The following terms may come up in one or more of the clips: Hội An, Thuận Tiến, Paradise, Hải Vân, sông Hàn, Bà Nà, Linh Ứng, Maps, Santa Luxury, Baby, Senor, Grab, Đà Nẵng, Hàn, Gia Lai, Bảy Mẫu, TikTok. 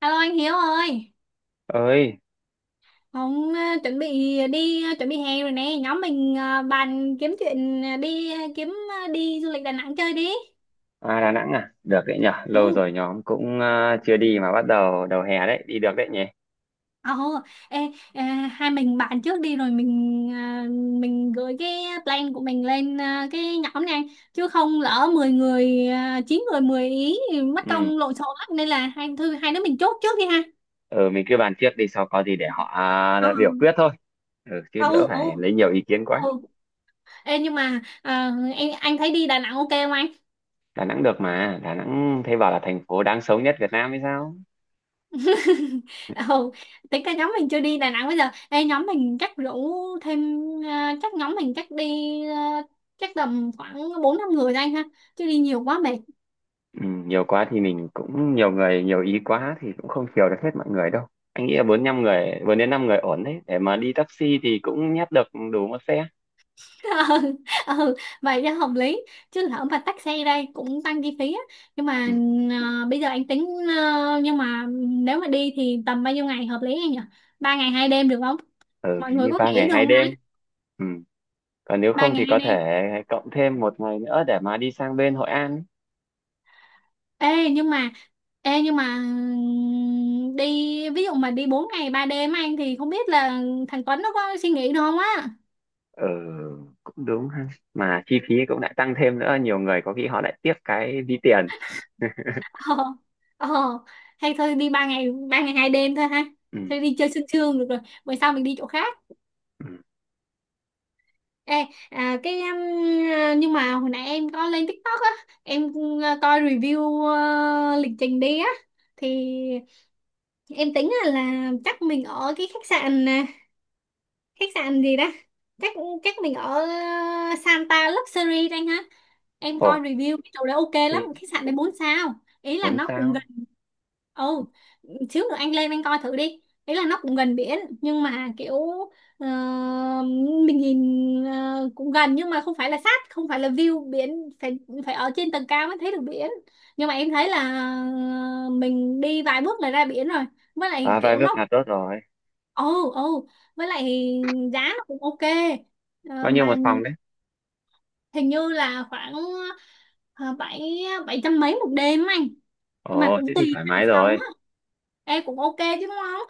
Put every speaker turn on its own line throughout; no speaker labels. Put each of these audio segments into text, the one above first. Alo anh Hiếu ơi,
Ơi
ông chuẩn bị đi chuẩn bị hè rồi nè. Nhóm mình bàn kiếm chuyện đi kiếm đi du lịch Đà Nẵng chơi đi.
à, Đà Nẵng à, được đấy nhở, lâu
Ồ,
rồi nhóm cũng chưa đi mà bắt đầu đầu hè đấy đi được đấy nhỉ.
ồ, ê, ờ, hai mình bàn trước đi rồi mình gửi cái plan của mình lên cái nhóm này, chứ không lỡ 10 người 9 người 10 ý thì mất
ừ
công lộn xộn lắm, nên là hai đứa mình chốt trước đi ha.
ừ mình cứ bàn trước đi, sau có gì để họ
Ờ,
biểu quyết thôi. Ừ, chứ đỡ
ừ,
phải
ừ,
lấy nhiều ý kiến quá.
ừ. Ê, nhưng mà anh thấy đi Đà Nẵng ok không anh?
Đà Nẵng được mà, Đà Nẵng thấy bảo là thành phố đáng sống nhất Việt Nam hay sao.
Ừ, tính cả nhóm mình chưa đi Đà Nẵng bây giờ. Ê, nhóm mình chắc rủ thêm ờ, chắc nhóm mình chắc đi ờ, chắc tầm khoảng bốn năm người thôi anh ha, chứ đi nhiều quá mệt.
ừ, Nhiều quá thì mình cũng, nhiều người nhiều ý quá thì cũng không chiều được hết mọi người đâu. Anh nghĩ là bốn năm người, bốn đến năm người ổn đấy, để mà đi taxi thì cũng nhét được đủ một xe.
Ừ, ừ, vậy cho hợp lý, chứ lỡ mà tắc xe đây cũng tăng chi phí á. Nhưng
Ừ,
mà bây giờ anh tính nhưng mà nếu mà đi thì tầm bao nhiêu ngày hợp lý anh nhỉ? 3 ngày 2 đêm được không,
ừ
mọi
hình
người
như
có
ba
nghĩ
ngày
được
hai
không
đêm.
ta?
Ừ, còn nếu
Ba
không
ngày
thì
hai
có
đêm.
thể cộng thêm một ngày nữa để mà đi sang bên Hội An ấy.
Ê nhưng mà ê nhưng mà đi ví dụ mà đi 4 ngày 3 đêm anh thì không biết là thằng Tuấn nó có suy nghĩ được không á.
Ừ, cũng đúng ha, mà chi phí cũng lại tăng thêm nữa, nhiều người có khi họ lại tiếc cái ví tiền.
Ờ, ờ, hay thôi đi 3 ngày, 3 ngày 2 đêm thôi ha.
Ừ.
Thôi đi chơi sương sương được rồi. Bữa sau mình đi chỗ khác.
Ừ.
Ê, nhưng mà hồi nãy em có lên TikTok á, em coi review lịch trình đi á, thì em tính là chắc mình ở cái khách sạn khách sạn gì đó, chắc chắc mình ở ờ, Santa Luxury đây ha. Em
Ồ,
coi review cái chỗ đấy ok lắm,
thế
khách sạn đấy 4 sao. Ý là
muốn
nó cũng gần,
sao?
ồ, xíu nữa anh lên anh coi thử đi. Ý là nó cũng gần biển nhưng mà kiểu ờ, mình nhìn cũng gần nhưng mà không phải là sát, không phải là view biển, phải phải ở trên tầng cao mới thấy được biển. Nhưng mà em thấy là ờ, mình đi vài bước là ra biển rồi, với lại
À, vài
kiểu
bước
nó.
là tốt rồi.
Ồ, ồ, với lại giá nó cũng ok. Ờ,
Bao nhiêu
mà
một phòng đấy?
hình như là khoảng ờ, bảy, bảy trăm mấy một đêm á anh. Mà
Ồ, thế
cũng
thì
tùy
thoải
hạng
mái
phòng
rồi.
á. Ê, cũng ok chứ đúng không?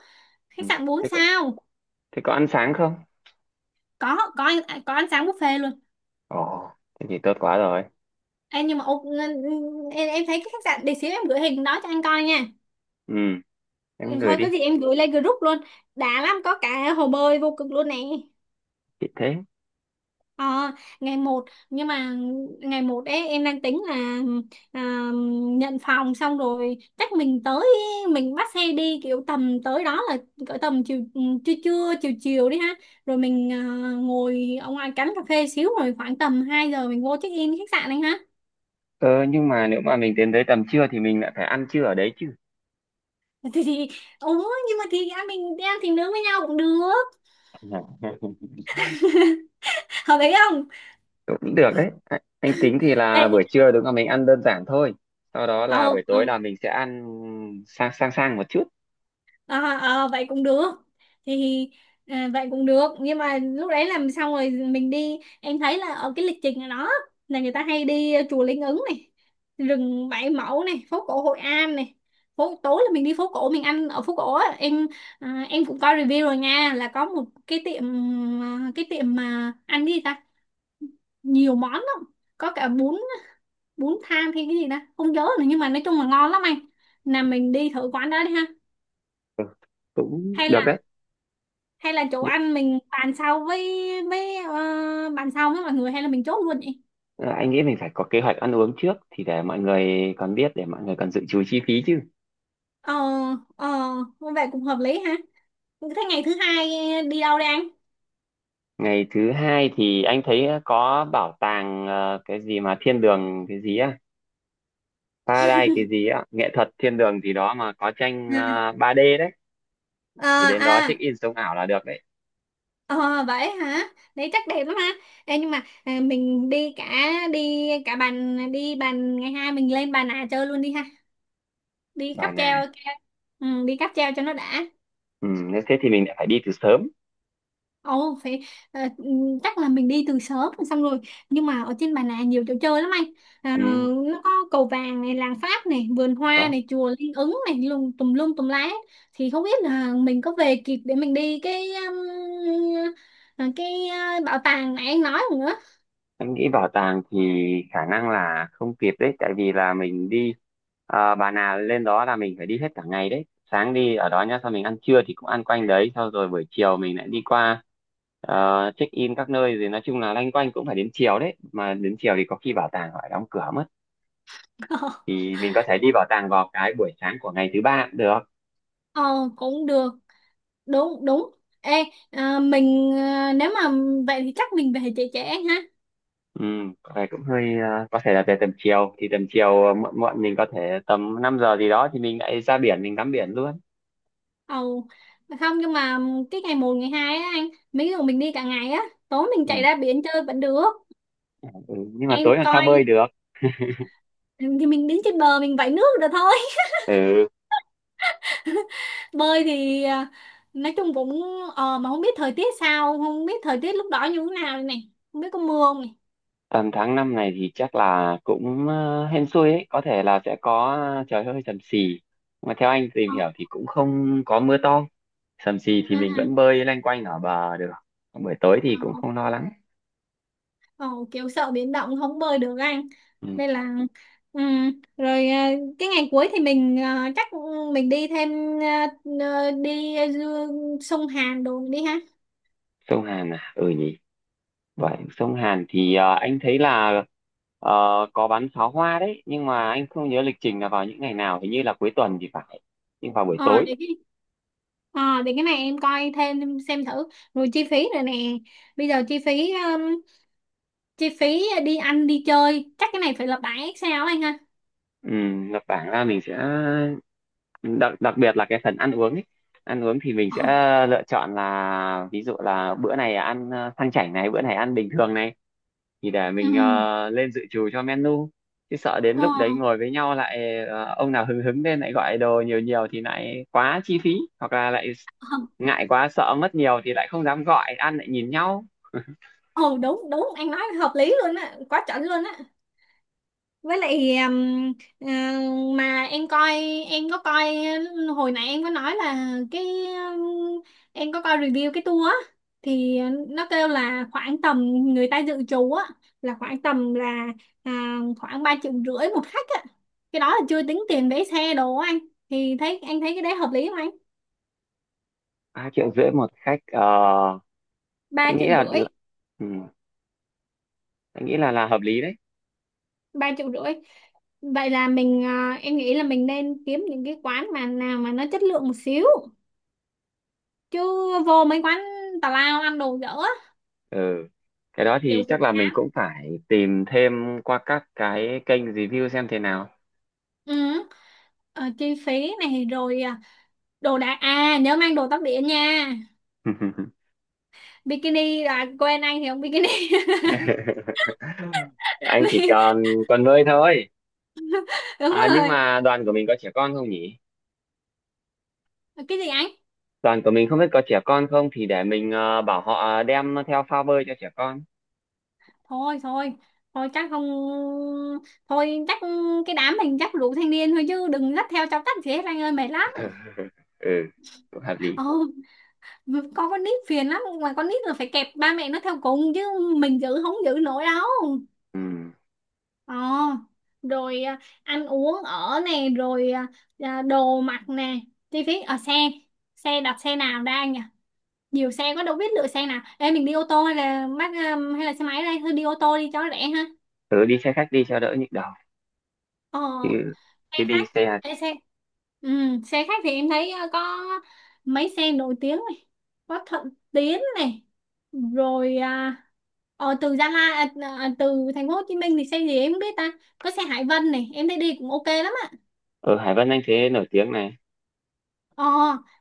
Khách
Ừ.
sạn 4
Thế có,
sao.
thế có ăn sáng không?
Có, có ăn sáng buffet luôn.
Ồ, thế thì tốt quá rồi.
Ê, nhưng mà ok, em thấy cái khách sạn để xíu em gửi hình đó cho anh coi nha.
Ừ,
Ừ,
em gửi
thôi có
đi.
gì em gửi lên group luôn. Đã lắm, có cả hồ bơi vô cực luôn nè.
Chị thế.
Ờ, ngày một, nhưng mà ngày một ấy em đang tính là à, nhận phòng xong rồi chắc mình tới, mình bắt xe đi kiểu tầm tới đó là cỡ tầm chiều, ừ, trưa trưa chiều chiều đi ha, rồi mình ngồi ở ngoài cánh cà phê xíu rồi khoảng tầm 2 giờ mình vô check in khách sạn anh ha.
Ờ, nhưng mà nếu mà mình đến tới tầm trưa thì mình lại phải ăn trưa ở đấy chứ.
Thì ủa nhưng mà thì anh, mình đi ăn thì nướng với nhau cũng được, hợp lý không?
Cũng được đấy, anh tính thì là
Ê,
buổi trưa đúng là mình ăn đơn giản thôi, sau đó là
ờ,
buổi
ờ,
tối là mình sẽ ăn sang sang sang một chút.
à, à, vậy cũng được thì vậy cũng được, nhưng mà lúc đấy làm xong rồi mình đi, em thấy là ở cái lịch trình ở đó là người ta hay đi chùa Linh Ứng này, rừng Bảy Mẫu này, phố cổ Hội An này. Phố tối là mình đi phố cổ mình ăn ở phố cổ á em. Em cũng coi review rồi nha là có một cái tiệm, cái tiệm mà ăn cái gì ta, nhiều món lắm, có cả bún, bún thang hay cái gì ta không nhớ nữa, nhưng mà nói chung là ngon lắm anh, là mình đi thử quán đó đi ha.
Ừ, cũng
Hay
được
là,
đấy.
hay là chỗ
Nhưng,
ăn mình bàn sau với bàn sau với mọi người hay là mình chốt luôn vậy?
ờ, anh nghĩ mình phải có kế hoạch ăn uống trước thì để mọi người còn biết, để mọi người còn dự trù chi phí chứ.
Ờ, ờ, vậy cũng hợp lý ha. Thế ngày thứ hai đi đâu đây anh?
Ngày thứ hai thì anh thấy có bảo tàng cái gì mà thiên đường cái gì á, Paradise cái gì á, nghệ thuật thiên đường gì đó mà có tranh 3D đấy,
À,
thì đến đó
à,
check
à.
in sống ảo là được đấy.
Ờ, vậy hả? Đấy chắc đẹp lắm ha. Ê, nhưng mà mình đi cả, đi cả bàn, đi bàn ngày hai mình lên bàn nà chơi luôn đi ha, đi
Bà
cáp
Nà.
treo. Ừ, đi cáp treo cho nó đã.
Ừ, nếu thế thì mình lại phải đi từ sớm.
Ồ, phải, ờ, ừ, chắc là mình đi từ sớm rồi xong rồi. Nhưng mà ở trên Bà Nà nhiều chỗ chơi lắm anh, à,
Ừ
nó có cầu vàng này, làng Pháp này, vườn hoa
đó.
này, chùa Linh Ứng này, lùng tùm lum tùm lá. Thì không biết là mình có về kịp để mình đi cái um, cái bảo tàng này anh nói không nữa.
Em nghĩ bảo tàng thì khả năng là không kịp đấy, tại vì là mình đi à, bà nào lên đó là mình phải đi hết cả ngày đấy. Sáng đi ở đó nhá, sau mình ăn trưa thì cũng ăn quanh đấy, sau rồi buổi chiều mình lại đi qua check in các nơi rồi nói chung là loanh quanh cũng phải đến chiều đấy. Mà đến chiều thì có khi bảo tàng họ lại đóng cửa mất, thì mình có thể đi bảo tàng vào cái buổi sáng của ngày thứ ba cũng được.
Ờ, cũng được. Đúng, đúng. Ê, mình nếu mà vậy thì chắc mình về trễ trễ ha.
Ừ, có vẻ cũng hơi có thể là về tầm chiều, thì tầm chiều muộn muộn mình có thể tầm 5 giờ gì đó thì mình lại ra biển mình tắm biển luôn.
Ồ, không nhưng mà cái ngày một, ngày 2 á anh, mấy người mình đi cả ngày á, tối mình
Ừ.
chạy ra biển chơi vẫn được.
Ừ, nhưng mà
Em
tối làm sao
coi
bơi được.
thì mình đứng trên bờ mình vẫy nước được thôi.
Ừ
Bơi thì nói chung cũng, ờ, mà không biết thời tiết sao, không biết thời tiết lúc đó như thế nào đây này, không biết có mưa không này.
tầm tháng 5 này thì chắc là cũng hên xui ấy, có thể là sẽ có trời hơi sầm xì, mà theo anh tìm
Ờ,
hiểu thì cũng không có mưa to, sầm xì thì mình vẫn
ừ,
bơi lanh quanh ở bờ được, buổi tối thì
ờ.
cũng không lo lắng.
Ồ, kiểu sợ biển động không bơi được anh,
Ừ.
nên là rồi cái ngày cuối thì mình chắc, ừ, mình đi thêm ờ, sông Hàn đồ đi ha.
Sông Hàn à, ừ nhỉ. Vậy sông Hàn thì anh thấy là ờ, có bắn pháo hoa đấy, nhưng mà anh không nhớ lịch trình là vào những ngày nào, hình như là cuối tuần thì phải, nhưng vào buổi
ờ
tối.
để cái ờ để cái này em coi thêm xem thử, rồi chi phí rồi nè. Bây giờ chi phí đi ăn đi chơi chắc cái này phải là 7 sao anh ha.
Ừ, là bảng ra mình sẽ đặc đặc biệt là cái phần ăn uống ấy. Ăn uống thì mình
Ờ,
sẽ lựa chọn là ví dụ là bữa này ăn sang chảnh này, bữa này ăn bình thường này, thì để
ừ,
mình lên dự trù cho menu, chứ sợ đến
ờ,
lúc đấy ngồi với nhau lại ông nào hứng hứng lên lại gọi đồ nhiều nhiều thì lại quá chi phí, hoặc là lại
ờ,
ngại quá sợ mất nhiều thì lại không dám gọi ăn, lại nhìn nhau.
ờ, đúng đúng anh nói hợp lý luôn á, quá chuẩn luôn á. Với lại ờ, mà em coi, em có coi hồi nãy em có nói là cái em có coi review cái tour á, thì nó kêu là khoảng tầm, người ta dự trù á là khoảng tầm là à, khoảng 3,5 triệu một khách á. Cái đó là chưa tính tiền vé xe đồ á anh, thì thấy anh thấy cái đấy hợp lý không anh?
3,5 triệu một khách ờ,
Ba
anh nghĩ
triệu
là,
rưỡi.
ừ, anh nghĩ là hợp lý đấy.
Ba triệu rưỡi vậy là mình, em nghĩ là mình nên kiếm những cái quán mà nào mà nó chất lượng một xíu, chứ vô mấy quán tào lao ăn đồ dở á,
Ừ, cái đó thì
liệu
chắc
cũng
là mình
chán.
cũng phải tìm thêm qua các cái kênh review xem thế nào.
Ừ. Ờ, chi phí này rồi, đồ đạc, à, nhớ mang đồ tắm biển nha, bikini, là quên anh thì không bikini.
Anh chỉ
Vì-
còn còn nuôi thôi.
đúng
À nhưng
rồi.
mà đoàn của mình có trẻ con không nhỉ?
Cái gì anh?
Đoàn của mình không biết có trẻ con không, thì để mình bảo họ đem theo phao bơi cho trẻ con.
Thôi, thôi, thôi chắc không, thôi chắc cái đám mình chắc đủ thanh niên thôi chứ đừng dắt theo cháu tắt gì hết anh ơi, mệt lắm.
Ừ cũng hợp lý.
Ồ, con nít phiền lắm, mà con nít là phải kẹp ba mẹ nó theo cùng chứ, mình giữ không giữ nổi đâu.
Ừ
Ờ, rồi ăn uống ở nè, rồi đồ mặc nè, chi phí ở xe, xe đặt xe nào ra nhỉ? Nhiều xe quá đâu biết lựa xe nào. Ê, mình đi ô tô hay là bắt hay là xe máy đây? Thôi đi ô tô đi cho nó rẻ ha.
tớ đi xe khách đi cho đỡ nhức đầu,
Ờ,
chứ,
xe
chứ đi
khách.
xe.
Ê, xe, ừ, xe khách thì em thấy có mấy xe nổi tiếng này, có Thuận Tiến này, rồi từ Gia Lai, từ thành phố Hồ Chí Minh thì xe gì em không biết ta. Có xe Hải Vân này, em thấy đi cũng ok lắm.
Ở Hải Vân anh thế nổi tiếng này.
Ờ,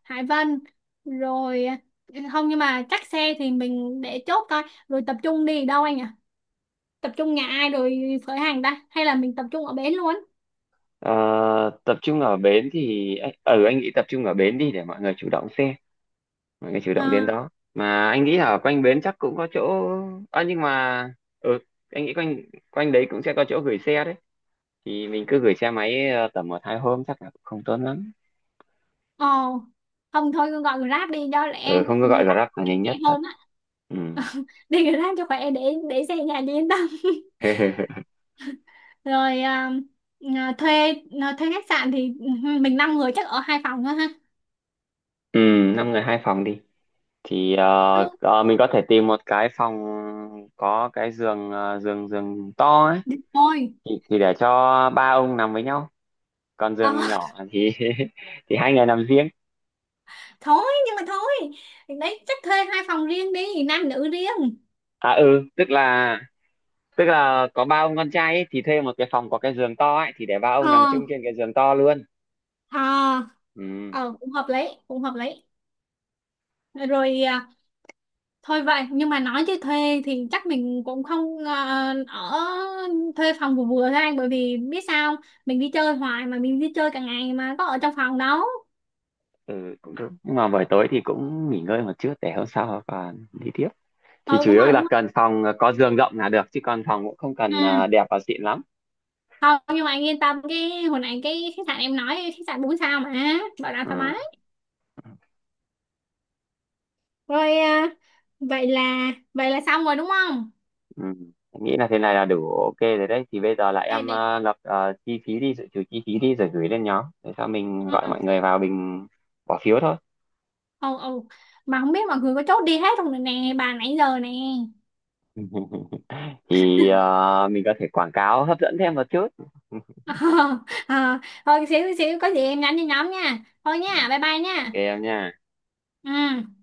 Hải Vân. Rồi, ừ, không nhưng mà chắc xe thì mình để chốt thôi. Rồi tập trung đi đâu anh ạ? Tập trung nhà ai rồi khởi hành ta hay là mình tập trung ở bến luôn?
Ờ, tập trung ở bến thì ừ anh nghĩ tập trung ở bến đi, để mọi người chủ động xe, mọi người chủ
Ờ,
động đến đó, mà anh nghĩ ở quanh bến chắc cũng có chỗ. À, nhưng mà ừ anh nghĩ quanh quanh đấy cũng sẽ có chỗ gửi xe đấy, thì mình cứ gửi xe máy tầm một hai hôm chắc là cũng không tốn lắm.
ờ, không thôi cứ gọi Grab đi cho lẹ
Ừ
anh.
không cứ gọi
Grab
Grab là nhanh
rẻ
nhất thật.
hơn á.
Ừ.
Đi Grab cho khỏe, để xe nhà đi yên tâm. Rồi, thuê thuê khách sạn thì, ừ, mình 5 người chắc ở 2 phòng thôi ha.
Ừ, năm người hai phòng đi, thì
Đúng.
mình có thể tìm một cái phòng có cái giường ờ, giường giường to ấy,
Thôi,
thì để cho ba ông nằm với nhau, còn
ờ,
giường nhỏ thì thì hai người nằm riêng.
thôi nhưng mà thôi đấy chắc thuê 2 phòng riêng đi, nam nữ riêng.
À ừ tức là, tức là có ba ông con trai ấy, thì thuê một cái phòng có cái giường to ấy thì để ba ông
Ờ,
nằm chung trên cái giường to luôn.
ờ,
Ừ,
ờ cũng hợp lý. Cũng hợp lý. Rồi, thôi vậy nhưng mà nói chứ thuê thì chắc mình cũng không ở, thuê phòng vừa vừa thôi anh, bởi vì biết sao không? Mình đi chơi hoài mà mình đi chơi cả ngày mà có ở trong phòng đâu.
ừ cũng được, nhưng mà buổi tối thì cũng nghỉ ngơi một chút để hôm sau còn đi tiếp, thì
Ừ,
chủ
đúng
yếu
rồi, đúng
là
rồi.
cần phòng có giường rộng là được, chứ còn phòng cũng không
Ừ,
cần à, đẹp và xịn lắm.
không nhưng mà anh yên tâm cái hồi nãy cái khách sạn em nói khách sạn bốn sao mà bảo đảm
Ừ.
thoải mái. Rồi, vậy là, vậy là xong rồi đúng không?
Ừ. Em nghĩ là thế này là đủ ok rồi đấy, thì bây giờ là
Ê,
em
để,
lập chi phí đi, dự trù chi phí đi, rồi gửi lên nhóm để sau mình gọi
ừ.
mọi người vào mình bỏ phiếu thôi.
Ừ, ừ, mà không biết mọi người có chốt đi hết không rồi nè bà nãy giờ nè.
Thì mình có thể quảng cáo hấp dẫn thêm một chút.
Ờ, ờ. Thôi xíu xíu có gì em nhắn cho nhóm nha, thôi
Ừ,
nha, bye bye
ok
nha.
em nha.
Ừ.